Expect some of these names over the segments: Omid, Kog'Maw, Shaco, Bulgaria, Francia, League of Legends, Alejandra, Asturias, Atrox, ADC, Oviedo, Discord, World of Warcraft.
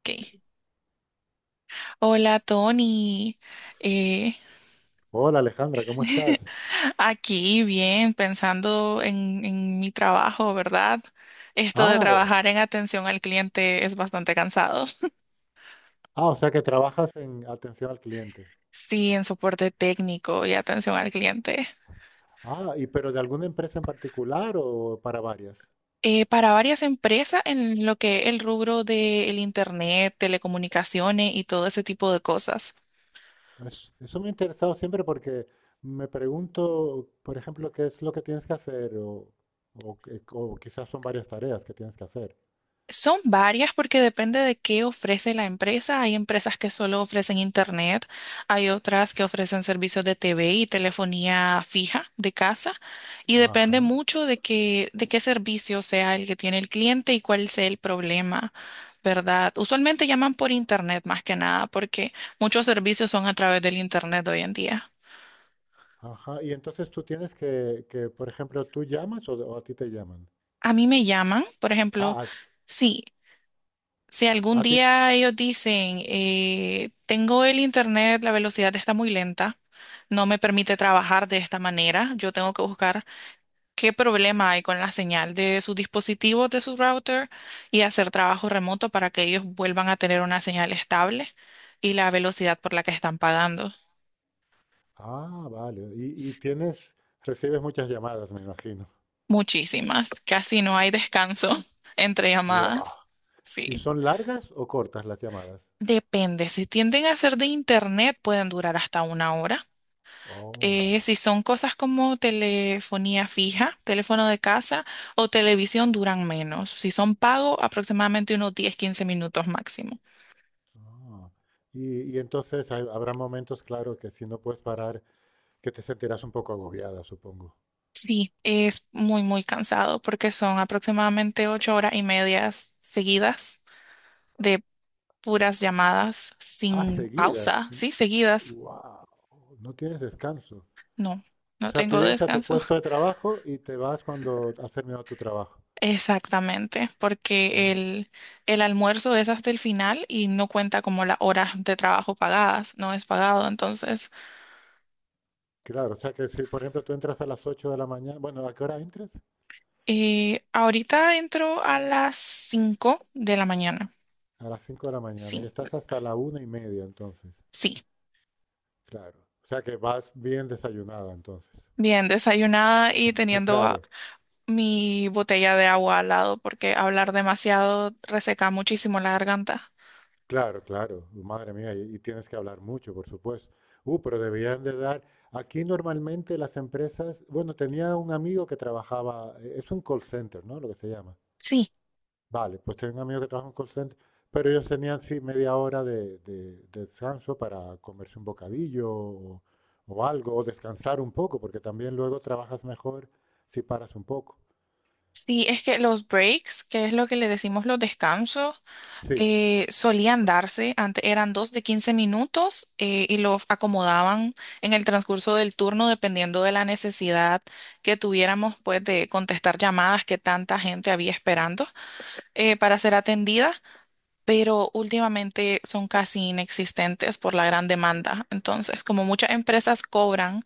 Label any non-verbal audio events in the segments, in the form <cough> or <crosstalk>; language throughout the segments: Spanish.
Ok. Hola Tony. Eh, Hola Alejandra, ¿cómo <laughs> estás? Aquí bien, pensando en mi trabajo, ¿verdad? Esto de Ah, trabajar en atención al cliente es bastante cansado. <laughs> ah, o sea que trabajas en atención al cliente. Sí, en soporte técnico y atención al cliente. Ah, y pero de alguna empresa en particular o para varias. Para varias empresas en lo que el rubro del Internet, telecomunicaciones y todo ese tipo de cosas. Eso me ha interesado siempre porque me pregunto, por ejemplo, qué es lo que tienes que hacer o quizás son varias tareas que tienes que hacer. Son varias porque depende de qué ofrece la empresa. Hay empresas que solo ofrecen internet, hay otras que ofrecen servicios de TV y telefonía fija de casa y depende Ajá, mucho de qué servicio sea el que tiene el cliente y cuál sea el problema, ¿verdad? Usualmente llaman por internet más que nada porque muchos servicios son a través del internet hoy en día. ajá. Y entonces tú tienes que, por ejemplo, tú llamas o a ti te llaman. A mí me llaman, por ejemplo, Ah, sí. Si a, algún a ti. día ellos dicen, tengo el internet, la velocidad está muy lenta, no me permite trabajar de esta manera, yo tengo que buscar qué problema hay con la señal de sus dispositivos, de su router y hacer trabajo remoto para que ellos vuelvan a tener una señal estable y la velocidad por la que están pagando. Ah, vale. Recibes muchas llamadas, me imagino. Muchísimas, casi no hay descanso <laughs> entre Wow. llamadas. ¿Y Sí. son largas o cortas las llamadas? Depende, si tienden a ser de internet pueden durar hasta una hora. Oh, Si son cosas como telefonía fija, teléfono de casa o televisión, duran menos. Si son pago, aproximadamente unos 10, 15 minutos máximo. ah. Y entonces habrá momentos, claro, que si no puedes parar, que te sentirás un poco agobiada, supongo. Sí, es muy, muy cansado porque son aproximadamente 8 horas y medias seguidas de puras llamadas Ah, sin seguidas. pausa, sí, seguidas. Wow, no tienes descanso. No, O no sea, tú tengo llegas a tu descanso. puesto de <laughs> trabajo y te vas cuando has terminado tu trabajo. Exactamente, porque Oh, el almuerzo es hasta el final y no cuenta como las horas de trabajo pagadas, no es pagado, entonces. claro, o sea que si, por ejemplo, tú entras a las 8 de la mañana, bueno, ¿a qué hora entras? Ahorita entro a las 5 de la mañana. A las 5 de la mañana y Sí, estás hasta la 1:30 entonces. sí. Claro. O sea que vas bien desayunada entonces. Bien, desayunada y <laughs> teniendo Claro. mi botella de agua al lado porque hablar demasiado reseca muchísimo la garganta. Claro, claro, madre mía, y tienes que hablar mucho, por supuesto. Pero deberían de dar. Aquí normalmente las empresas, bueno, tenía un amigo que trabajaba, es un call center, ¿no? Lo que se llama. Sí, Vale, pues tenía un amigo que trabaja en un call center, pero ellos tenían, sí, media hora de descanso para comerse un bocadillo o algo, o descansar un poco, porque también luego trabajas mejor si paras un poco. sí, es que los breaks, que es lo que le decimos los descansos, Sí, solían darse, antes eran dos de 15 minutos y los acomodaban en el transcurso del turno dependiendo de la necesidad que tuviéramos pues de contestar llamadas que tanta gente había esperando para ser atendida, pero últimamente son casi inexistentes por la gran demanda. Entonces, como muchas empresas cobran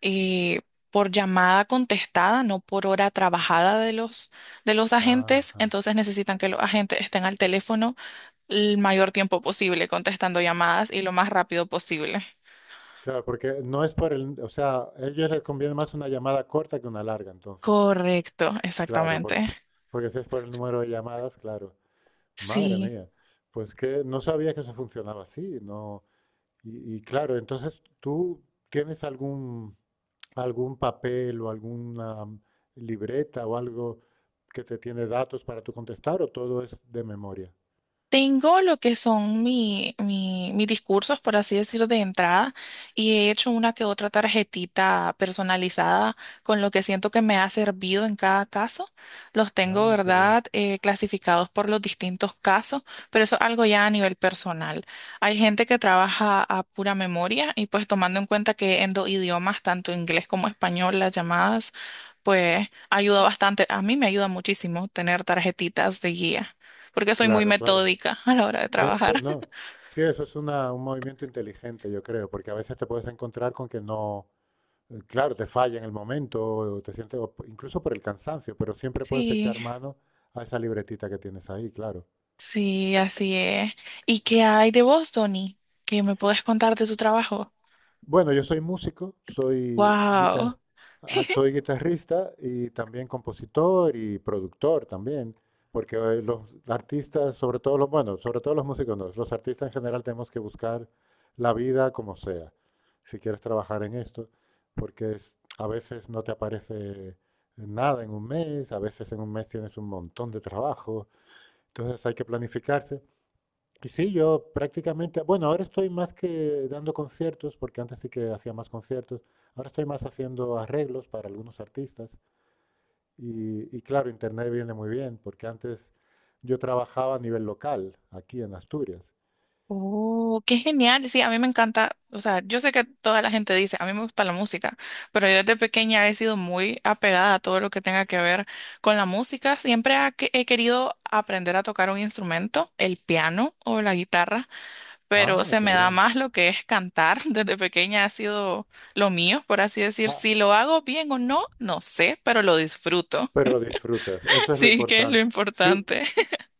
eh, por llamada contestada, no por hora trabajada de los agentes, ajá. entonces necesitan que los agentes estén al teléfono el mayor tiempo posible contestando llamadas y lo más rápido posible. Claro, porque no es por el, o sea, a ellos les conviene más una llamada corta que una larga, entonces. Correcto, Claro, porque, exactamente. porque si es por el número de llamadas, claro. Madre Sí. mía, pues que no sabía que eso funcionaba así, no. Y claro, entonces tú tienes algún papel o alguna libreta o algo que te tiene datos para tú contestar o todo es de memoria. Tengo lo que son mis discursos, por así decir, de entrada, y he hecho una que otra tarjetita personalizada con lo que siento que me ha servido en cada caso. Los tengo, Ah, qué bien. ¿verdad?, clasificados por los distintos casos, pero eso es algo ya a nivel personal. Hay gente que trabaja a pura memoria y pues tomando en cuenta que en dos idiomas, tanto inglés como español, las llamadas, pues ayuda bastante. A mí me ayuda muchísimo tener tarjetitas de guía porque soy muy Claro, claro. metódica a la hora de Pues trabajar. no, <laughs> sí, eso es un movimiento inteligente, yo creo, porque a veces te puedes encontrar con que no, claro, te falla en el momento, o te sientes, incluso por el cansancio, pero siempre puedes Sí, echar mano a esa libretita que tienes ahí, claro. sí, así es. ¿Y qué hay de vos, Tony? ¿Qué me puedes contar de tu trabajo? Bueno, yo soy músico, Wow. Soy guitarrista y también compositor y productor también, porque los artistas, sobre todo los, bueno, sobre todo los músicos no, los artistas en general tenemos que buscar la vida como sea, si quieres trabajar en esto, porque a veces no te aparece nada en un mes, a veces en un mes tienes un montón de trabajo, entonces hay que planificarse. Y sí, yo prácticamente, bueno, ahora estoy más que dando conciertos, porque antes sí que hacía más conciertos, ahora estoy más haciendo arreglos para algunos artistas y claro, internet viene muy bien, porque antes yo trabajaba a nivel local, aquí en Asturias. Oh, qué genial. Sí, a mí me encanta. O sea, yo sé que toda la gente dice, a mí me gusta la música, pero yo desde pequeña he sido muy apegada a todo lo que tenga que ver con la música. Siempre he querido aprender a tocar un instrumento, el piano o la guitarra. Pero Ah, se qué me da bien. más lo que es cantar. <laughs> Desde pequeña ha sido lo mío, por así decir. Ah, Si lo hago bien o no, no sé, pero lo disfruto. pero lo <laughs> disfrutas, eso es lo Sí, que es lo importante. Sí, importante.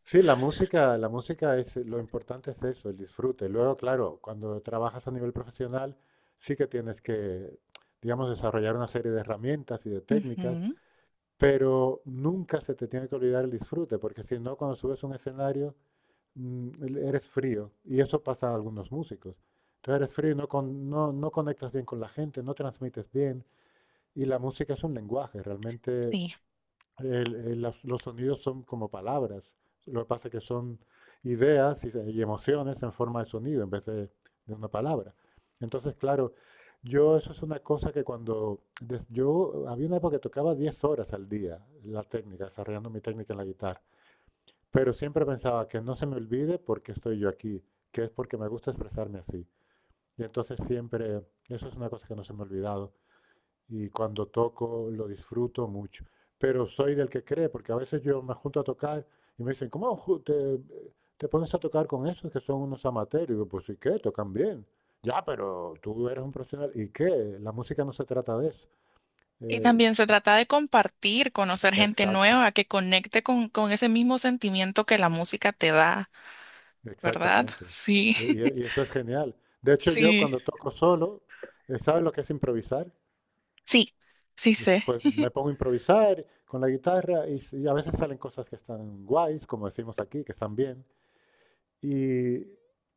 sí, la música es, lo importante es eso, el disfrute. Luego, claro, cuando trabajas a nivel profesional, sí que tienes que, digamos, desarrollar una serie de herramientas y de <laughs> técnicas, Ujú, pero nunca se te tiene que olvidar el disfrute, porque si no, cuando subes a un escenario, eres frío, y eso pasa a algunos músicos. Entonces eres frío, y no, no, no conectas bien con la gente, no transmites bien, y la música es un lenguaje, realmente sí. Los sonidos son como palabras. Lo que pasa es que son ideas y emociones en forma de sonido en vez de una palabra. Entonces, claro, yo eso es una cosa que yo había una época que tocaba 10 horas al día la técnica, desarrollando mi técnica en la guitarra, pero siempre pensaba que no se me olvide porque estoy yo aquí, que es porque me gusta expresarme así. Y entonces siempre, eso es una cosa que no se me ha olvidado y cuando toco lo disfruto mucho. Pero soy del que cree, porque a veces yo me junto a tocar y me dicen, ¿cómo te pones a tocar con esos que son unos amateurs? Y digo, pues ¿y qué? Tocan bien. Ya, pero tú eres un profesional. ¿Y qué? La música no se trata de eso. Y Eh, también se trata de compartir, conocer gente exacto, nueva que conecte con ese mismo sentimiento que la música te da, ¿verdad? exactamente. Sí, Eh, y eso es genial. De hecho, yo <laughs> sí, cuando toco solo, ¿sabes lo que es improvisar? sí, sí sé. Pues me pongo a improvisar con la guitarra y a veces salen cosas que están guays, como decimos aquí, que están bien. Y,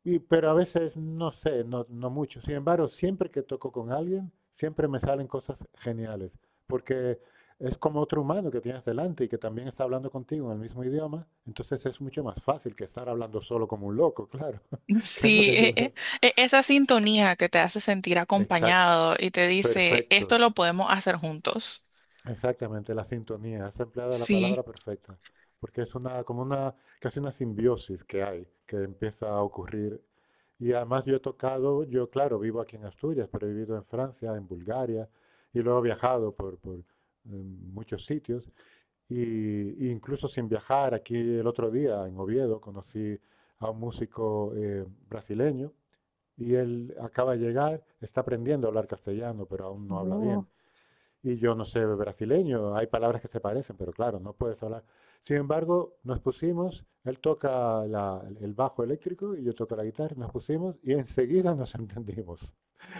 pero a veces, no sé, no, no mucho. Sin embargo, siempre que toco con alguien, siempre me salen cosas geniales, porque es como otro humano que tienes delante y que también está hablando contigo en el mismo idioma, entonces es mucho más fácil que estar hablando solo como un loco, claro, <laughs> que es lo Sí, que yo veo. Esa sintonía que te hace sentir Exacto, acompañado y te dice, esto perfecto. lo podemos hacer juntos. Exactamente, la sintonía. Has empleado la Sí. palabra perfecta, porque es una, como una, casi una simbiosis que hay, que empieza a ocurrir. Y además yo he tocado, yo claro, vivo aquí en Asturias, pero he vivido en Francia, en Bulgaria, y luego he viajado por muchos sitios. Y incluso sin viajar, aquí el otro día en Oviedo conocí a un músico brasileño y él acaba de llegar, está aprendiendo a hablar castellano, pero aún no habla bien Oh. y yo no sé brasileño, hay palabras que se parecen, pero claro, no puedes hablar. Sin embargo, nos pusimos, él toca el bajo eléctrico y yo toco la guitarra, nos pusimos y enseguida nos <laughs> entendimos.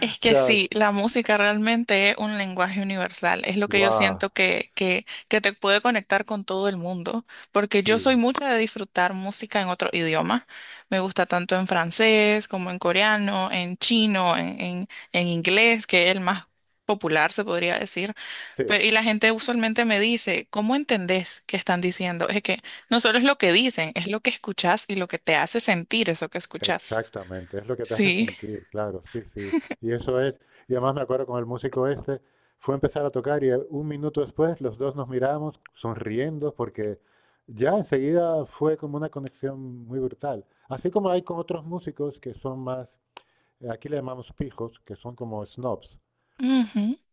Es que sea, sí, la música realmente es un lenguaje universal, es lo guau, que yo wow, siento que te puede conectar con todo el mundo, porque yo soy sí, mucho de disfrutar música en otro idioma, me gusta tanto en francés como en coreano, en chino, en inglés, que es el más popular, se podría decir, sí. pero y la gente usualmente me dice, ¿cómo entendés qué están diciendo? Es que no solo es lo que dicen, es lo que escuchás y lo que te hace sentir eso que escuchás. Exactamente, es lo que te hace Sí. sentir, claro, sí, sí. Y eso es, y además me acuerdo con el músico este, fue a empezar a tocar y un minuto después los dos nos miramos sonriendo porque ya enseguida fue como una conexión muy brutal. Así como hay con otros músicos que son más, aquí le llamamos pijos, que son como snobs.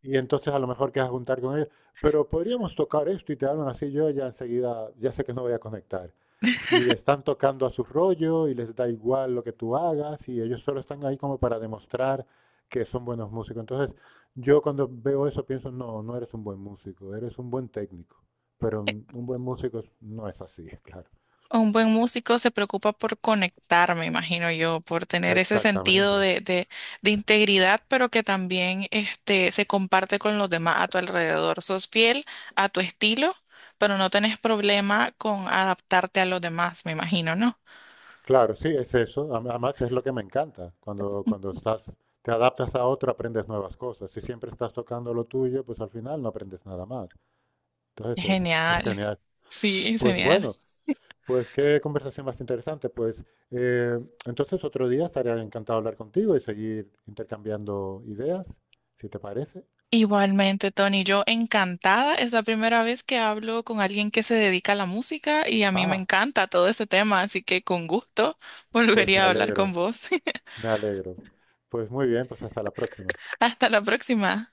Y entonces a lo mejor quedas a juntar con ellos, pero podríamos tocar esto y te hablan así, yo ya enseguida, ya sé que no voy a conectar y están tocando a su rollo y les da igual lo que tú hagas y ellos solo están ahí como para demostrar que son buenos músicos. Entonces, yo cuando veo eso pienso, no, no eres un buen músico, eres un buen técnico, pero Eh, un buen músico no es así, <laughs> claro. Un buen músico se preocupa por conectar, me imagino yo, por tener ese sentido Exactamente. de integridad, pero que también este, se comparte con los demás a tu alrededor. Sos fiel a tu estilo, pero no tenés problema con adaptarte a los demás, me imagino, ¿no? Claro, sí, es eso. Además, es lo que me encanta. Cuando estás, te adaptas a otro, aprendes nuevas cosas. Si siempre estás tocando lo tuyo, pues al final no aprendes nada más. Entonces, es Genial, genial. sí, Pues genial. bueno. Pues qué conversación más interesante. Pues eh, entonces otro día estaré encantado de hablar contigo y seguir intercambiando ideas, si te parece. Igualmente, Tony, yo encantada. Es la primera vez que hablo con alguien que se dedica a la música y a mí me Ah, encanta todo este tema, así que con gusto pues me volvería a hablar con alegro, vos. <laughs> me alegro. Pues muy bien, pues hasta la próxima. Hasta la próxima.